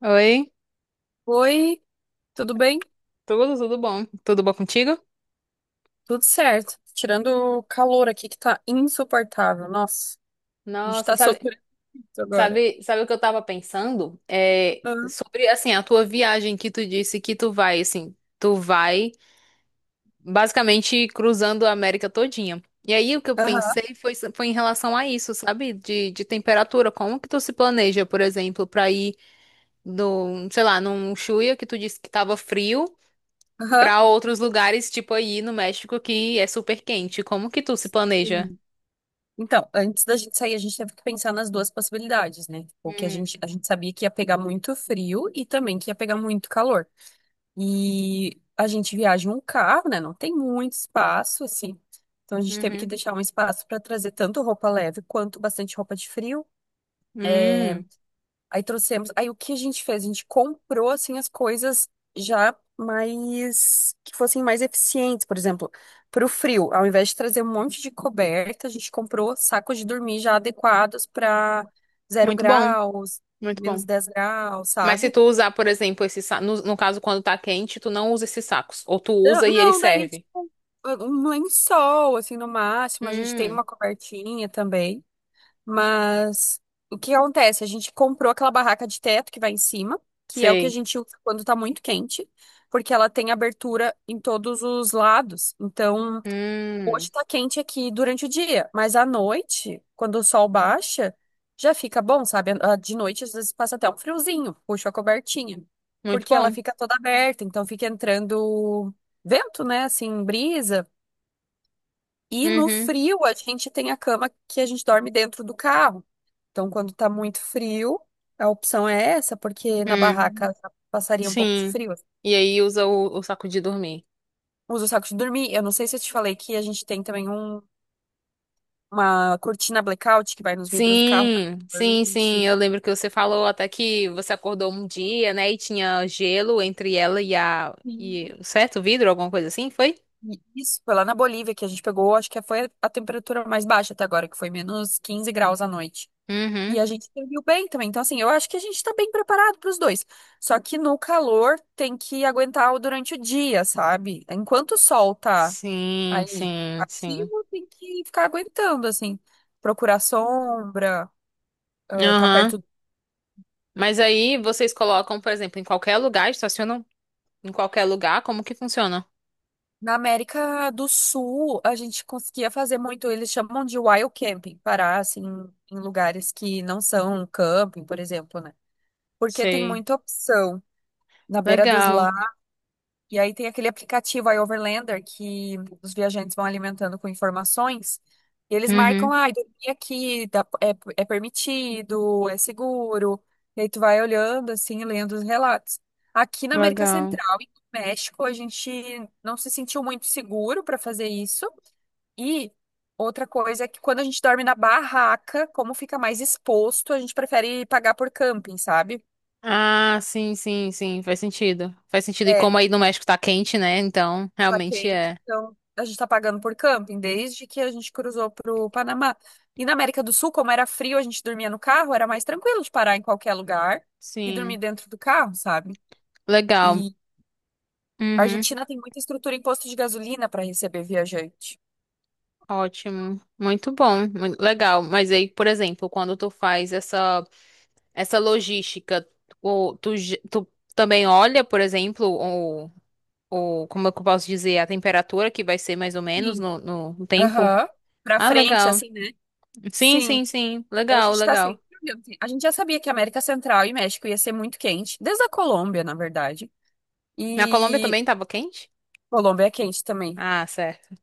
Oi, Oi, tudo bem? tudo bom? Tudo bom contigo? Tudo certo. Tirando o calor aqui que tá insuportável. Nossa, a gente Nossa, tá sabe, sofrendo isso agora. sabe, sabe o que eu tava pensando? É, Aham, sobre, assim, a tua viagem que tu disse que tu vai, assim, tu vai basicamente cruzando a América todinha. E aí o que eu aham. pensei foi em relação a isso, sabe? De temperatura, como que tu se planeja, por exemplo, pra ir no, sei lá, num Chuya que tu disse que tava frio, Aham. pra outros lugares, tipo aí no México que é super quente. Como que tu se planeja? Sim. Então, antes da gente sair, a gente teve que pensar nas duas possibilidades, né? Tipo, que a Hum, gente, a gente sabia que ia pegar muito frio e também que ia pegar muito calor. E a gente viaja em um carro, né? Não tem muito espaço, assim. Então, a gente teve que uhum. deixar um espaço para trazer tanto roupa leve quanto bastante roupa de frio. Hum, Aí trouxemos. Aí o que a gente fez? A gente comprou assim as coisas já mais que fossem mais eficientes, por exemplo, para o frio, ao invés de trazer um monte de coberta, a gente comprou sacos de dormir já adequados para zero muito bom, graus, muito bom. -10 graus, Mas se sabe? tu usar, por exemplo, no, no caso quando tá quente, tu não usa esses sacos, ou tu Não, usa e ele não, daí é serve. tipo um lençol assim no máximo, a gente tem Hum, uma cobertinha também. Mas o que acontece? A gente comprou aquela barraca de teto que vai em cima, que é o que a sei. gente usa quando tá muito quente, porque ela tem abertura em todos os lados. Então, Hum, hoje tá quente aqui durante o dia, mas à noite, quando o sol baixa, já fica bom, sabe? Ah, de noite, às vezes passa até um friozinho, puxa a cobertinha, muito porque ela bom. fica toda aberta, então fica entrando vento, né? Assim, brisa. E no Uhum. frio, a gente tem a cama que a gente dorme dentro do carro. Então, quando tá muito frio, a opção é essa, porque na Hum, barraca já passaria um pouco de sim. frio. E aí usa o saco de dormir. Usa o saco de dormir. Eu não sei se eu te falei que a gente tem também uma cortina blackout que vai nos vidros do carro. Sim, sim, sim. Gente, Eu lembro que você falou até que você acordou um dia, né, e tinha gelo entre ela e a sim. e certo, o vidro, alguma coisa assim, foi? E isso, foi lá na Bolívia que a gente pegou, acho que foi a temperatura mais baixa até agora, que foi -15 graus à noite. E Uhum. a gente serviu bem também. Então, assim, eu acho que a gente tá bem preparado para os dois. Só que no calor tem que aguentar durante o dia, sabe? Enquanto o sol tá Sim, aí sim, sim. ativo, tem que ficar aguentando, assim. Procurar sombra, ah, tá Aham. perto. Mas aí vocês colocam, por exemplo, em qualquer lugar, estacionam em qualquer lugar, como que funciona? Na América do Sul, a gente conseguia fazer muito, eles chamam de wild camping, parar, assim, em lugares que não são camping, por exemplo, né? Porque tem Sei. muita opção. Na beira dos Legal. lagos. E aí tem aquele aplicativo iOverlander que os viajantes vão alimentando com informações. E eles Uhum. marcam, ah, dormir aqui é permitido, é seguro. E aí tu vai olhando, assim, lendo os relatos. Aqui na América Legal. Central e no México, a gente não se sentiu muito seguro para fazer isso. E outra coisa é que quando a gente dorme na barraca, como fica mais exposto, a gente prefere pagar por camping, sabe? Ah, sim, sim, sim, faz sentido. Faz sentido. E É. como aí no México tá quente, né? Então, Tá realmente quente, é. então a gente tá pagando por camping desde que a gente cruzou pro Panamá. E na América do Sul, como era frio, a gente dormia no carro, era mais tranquilo de parar em qualquer lugar e dormir Sim. dentro do carro, sabe? Legal. E a Uhum. Argentina tem muita estrutura em posto de gasolina para receber viajante. Ótimo. Muito bom. Legal. Mas aí, por exemplo, quando tu faz essa logística, tu também olha, por exemplo, ou como é que eu posso dizer, a temperatura que vai ser mais ou menos Sim. no, no tempo. Aham. Pra Ah, frente, legal. assim, né? Sim, Sim. sim, sim. A Legal, gente tá legal. sempre olhando, assim. A gente já sabia que a América Central e México ia ser muito quente, desde a Colômbia, na verdade. Na Colômbia E também tava quente? Colômbia é quente também. Ah, certo.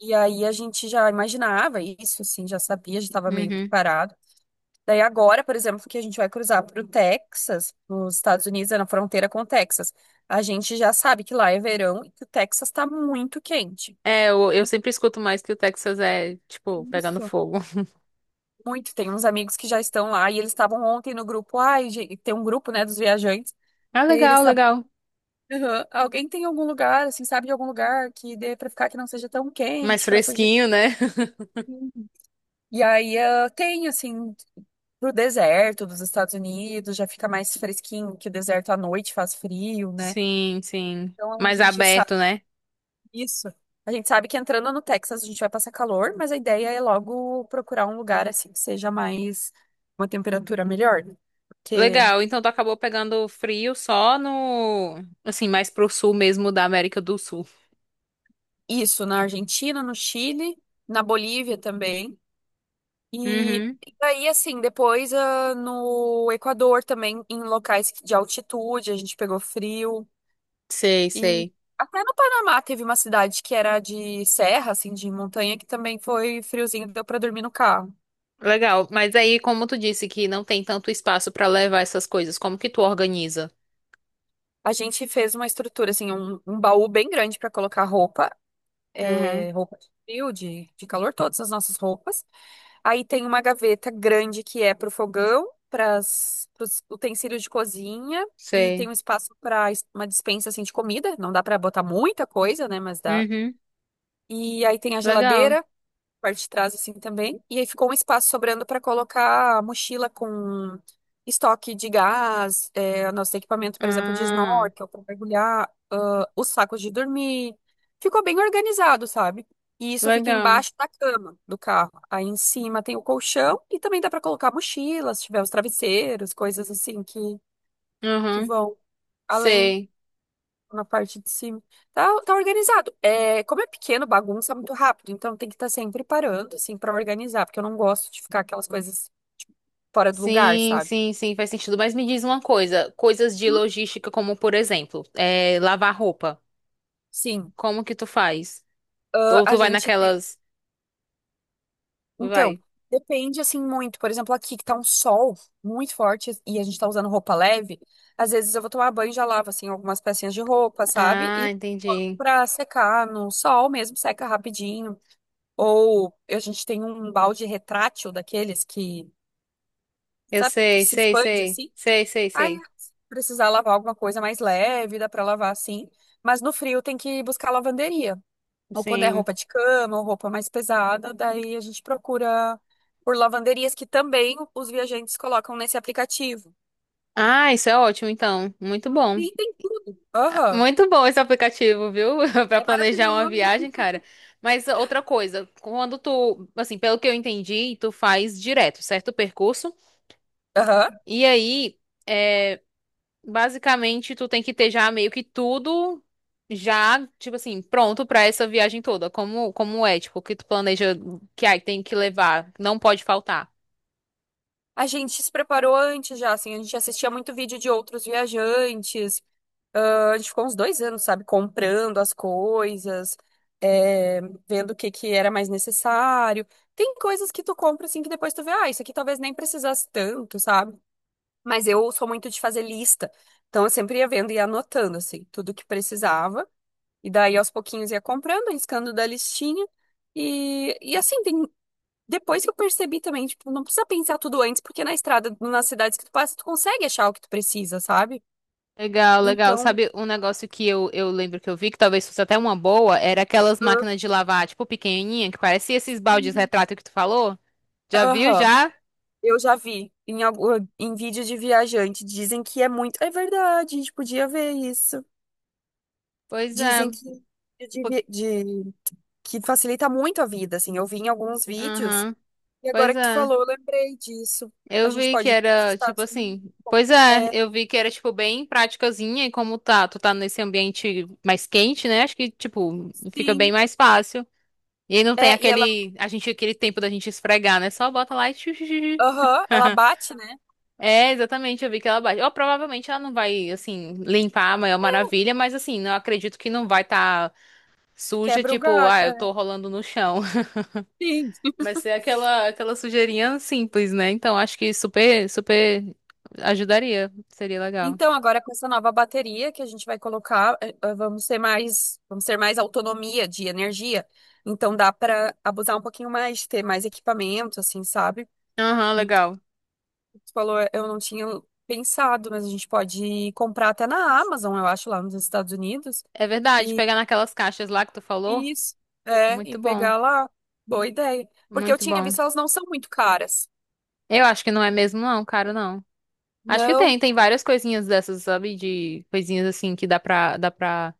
E aí a gente já imaginava isso, assim, já sabia, já estava meio Uhum. preparado. Daí agora, por exemplo, que a gente vai cruzar para o Texas, nos Estados Unidos, é na fronteira com o Texas. A gente já sabe que lá é verão e que o Texas está muito quente. É, eu sempre escuto mais que o Texas é, tipo, pegando Isso. fogo. Muito. Tem uns amigos que já estão lá e eles estavam ontem no grupo. Ai, gente, tem um grupo, né, dos viajantes. Ah, E aí eles legal, estavam. legal. "Aham, alguém tem algum lugar, assim, sabe de algum lugar que dê para ficar que não seja tão Mais quente, para fugir? fresquinho, né? E aí ah, tem, assim, pro deserto dos Estados Unidos, já fica mais fresquinho, que o deserto à noite faz frio, né? Sim, sim. Então a Mais gente sabe aberto, né? isso. A gente sabe que entrando no Texas a gente vai passar calor, mas a ideia é logo procurar um lugar assim que seja mais uma temperatura melhor, né? Porque Legal. Então tu acabou pegando frio só no, assim, mais pro sul mesmo da América do Sul. isso na Argentina, no Chile, na Bolívia também. E Uhum. e daí, assim, depois ah, no Equador também, em locais de altitude, a gente pegou frio. Sei, E sei. até no Panamá teve uma cidade que era de serra, assim, de montanha, que também foi friozinho, deu pra dormir no carro. Legal. Mas aí, como tu disse que não tem tanto espaço pra levar essas coisas, como que tu organiza? A gente fez uma estrutura, assim, um baú bem grande pra colocar roupa, Uhum, é, roupa de frio, de calor, todas as nossas roupas. Aí tem uma gaveta grande que é pro fogão, para os utensílios de cozinha. E tem sei. um espaço para uma dispensa assim de comida. Não dá pra botar muita coisa, né? Mas dá. Uhum, E aí tem a legal. geladeira, parte de trás assim também. E aí ficou um espaço sobrando para colocar a mochila com estoque de gás, é, nosso equipamento, por exemplo, de Ah, snorkel para mergulhar, ah, os sacos de dormir. Ficou bem organizado, sabe? E isso fica legal. embaixo da cama do carro. Aí em cima tem o colchão e também dá para colocar mochilas, se tiver os travesseiros, coisas assim que Uhum, vão além sei. na parte de cima. Tá organizado. É, como é pequeno, bagunça muito rápido. Então tem que estar sempre parando, assim, pra organizar. Porque eu não gosto de ficar aquelas coisas tipo, fora do lugar, Sim, sabe? sim, sim, faz sentido. Mas me diz uma coisa, coisas de Uhum. logística, como por exemplo, é, lavar roupa. Sim. Como que tu faz? Ah, Ou a tu vai gente tem. naquelas. Então, Vai. depende, assim, muito. Por exemplo, aqui que tá um sol muito forte e a gente tá usando roupa leve. Às vezes eu vou tomar banho e já lavo, assim, algumas pecinhas de roupa, sabe? Ah, E coloco entendi. pra secar no sol mesmo, seca rapidinho. Ou a gente tem um balde retrátil daqueles que. Eu Sabe que sei, se sei, expande sei. assim? Sei, sei, Aí, sei. se precisar lavar alguma coisa mais leve, dá pra lavar assim. Mas no frio tem que buscar lavanderia. Ou quando é Sim. roupa de cama, ou roupa mais pesada, daí a gente procura por lavanderias que também os viajantes colocam nesse aplicativo. Ah, isso é ótimo, então. Muito bom. Sim, tem. Aham. Muito bom esse aplicativo, viu? Pra É planejar uma maravilhoso. viagem, cara. Mas outra coisa, quando tu, assim, pelo que eu entendi, tu faz direto, certo? O percurso. Aham. E aí, é, basicamente, tu tem que ter já meio que tudo já, tipo assim, pronto pra essa viagem toda. Como é, tipo, o que tu planeja que aí tem que levar, não pode faltar. A gente se preparou antes já, assim, a gente assistia muito vídeo de outros viajantes. Ah, a gente ficou uns 2 anos, sabe, comprando as coisas, é, vendo o que que era mais necessário. Tem coisas que tu compra assim que depois tu vê, ah, isso aqui talvez nem precisasse tanto, sabe? Mas eu sou muito de fazer lista. Então eu sempre ia vendo e ia anotando, assim, tudo que precisava. E daí aos pouquinhos ia comprando, riscando da listinha. E assim, depois que eu percebi também, tipo, não precisa pensar tudo antes, porque na estrada, nas cidades que tu passa, tu consegue achar o que tu precisa, sabe? Legal, legal. Então. Sabe um negócio que eu lembro que eu vi, que talvez fosse até uma boa, era aquelas máquinas de lavar, tipo, pequenininha, que parecia esses baldes retrato que tu falou? Já Ah, viu, aham. já? Eu já vi em vídeos de viajante, dizem que é muito. É verdade, a gente podia ver isso. Pois é. Dizem que, é de po- vi- de- que facilita muito a vida, assim. Eu vi em alguns vídeos, Aham. e agora Pois que tu é. falou, eu lembrei disso. A Eu gente vi que pode ver nos era, tipo Estados Unidos. assim... Pois é, É, eu vi que era, tipo, bem praticazinha, e como tá, tu tá nesse ambiente mais quente, né? Acho que, tipo, fica bem sim. mais fácil. E aí não tem É, e ela, aquele, a gente, aquele tempo da gente esfregar, né? Só bota lá e... aham, ela bate, né? É, exatamente, eu vi que ela baixa. Ou provavelmente ela não vai, assim, limpar a maior maravilha, mas assim, eu acredito que não vai estar suja, Quebra o tipo, galho. ah, eu É. tô rolando no chão. Sim. Vai ser aquela, aquela sujeirinha simples, né? Então acho que super, super ajudaria. Seria legal. Então, agora com essa nova bateria que a gente vai colocar, vamos ter mais autonomia de energia. Então dá para abusar um pouquinho mais, ter mais equipamento, assim, sabe? Aham, Então, legal. você falou, eu não tinha pensado, mas a gente pode comprar até na Amazon, eu acho, lá nos Estados Unidos. É verdade, E pegar naquelas caixas lá que tu falou. e isso, é, e Muito bom, pegar lá. Boa ideia. Porque eu muito tinha bom. visto, elas não são muito caras. Eu acho que não é mesmo, não, caro, não. Acho que Não. tem várias coisinhas dessas, sabe? De coisinhas assim que dá pra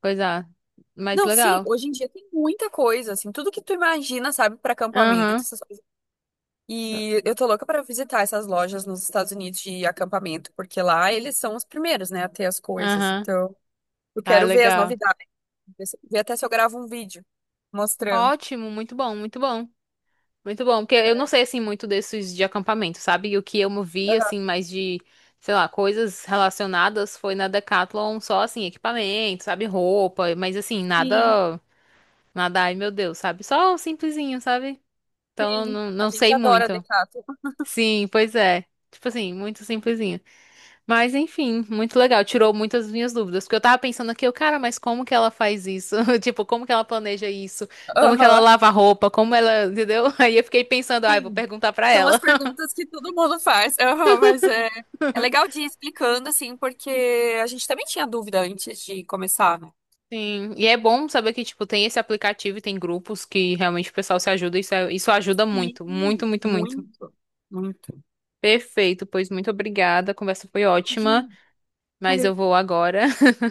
coisar. Mas Não, sim, legal. hoje em dia tem muita coisa, assim, tudo que tu imagina, sabe, para acampamento, Aham. essas coisas. E eu tô louca pra visitar essas lojas nos Estados Unidos de acampamento, porque lá eles são os primeiros, né, a ter as coisas. Aham. Então, eu Ah, quero ver as legal. novidades, ver até se eu gravo um vídeo mostrando. Ótimo, muito bom, muito bom. Muito bom, porque eu não sei assim muito desses de acampamento, sabe? E o que eu me vi Aham. assim mais de, sei lá, coisas relacionadas foi na Decathlon, só assim equipamento, sabe, roupa, mas assim, Sim, nada, nada, ai meu Deus, sabe? Só um simplesinho, sabe? Então eu sim. não, A não gente sei adora muito. Decathlon. Sim, pois é. Tipo assim, muito simplesinho. Mas enfim, muito legal. Tirou muitas das minhas dúvidas. Porque eu tava pensando aqui, eu, cara, mas como que ela faz isso? Tipo, como que ela planeja isso? Como que ela Aham, lava a roupa? Como ela, entendeu? Aí eu fiquei pensando, ai, vou sim. perguntar pra São as ela. perguntas que todo mundo faz. Aham, mas é legal de ir explicando, assim, porque a gente também tinha dúvida antes de começar, né? Sim, e é bom saber que, tipo, tem esse aplicativo e tem grupos que realmente o pessoal se ajuda. Isso, é- isso ajuda Sim, muito, muito, muito, muito. muito, muito. Perfeito, pois muito obrigada. A conversa foi ótima, Imagina. mas eu vou agora.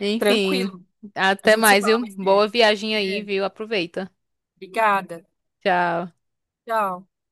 Enfim, Tranquilo. A até gente se mais, fala viu? mais Boa tarde. viagem aí, É. viu? Aproveita. Obrigada. Tchau. Tchau.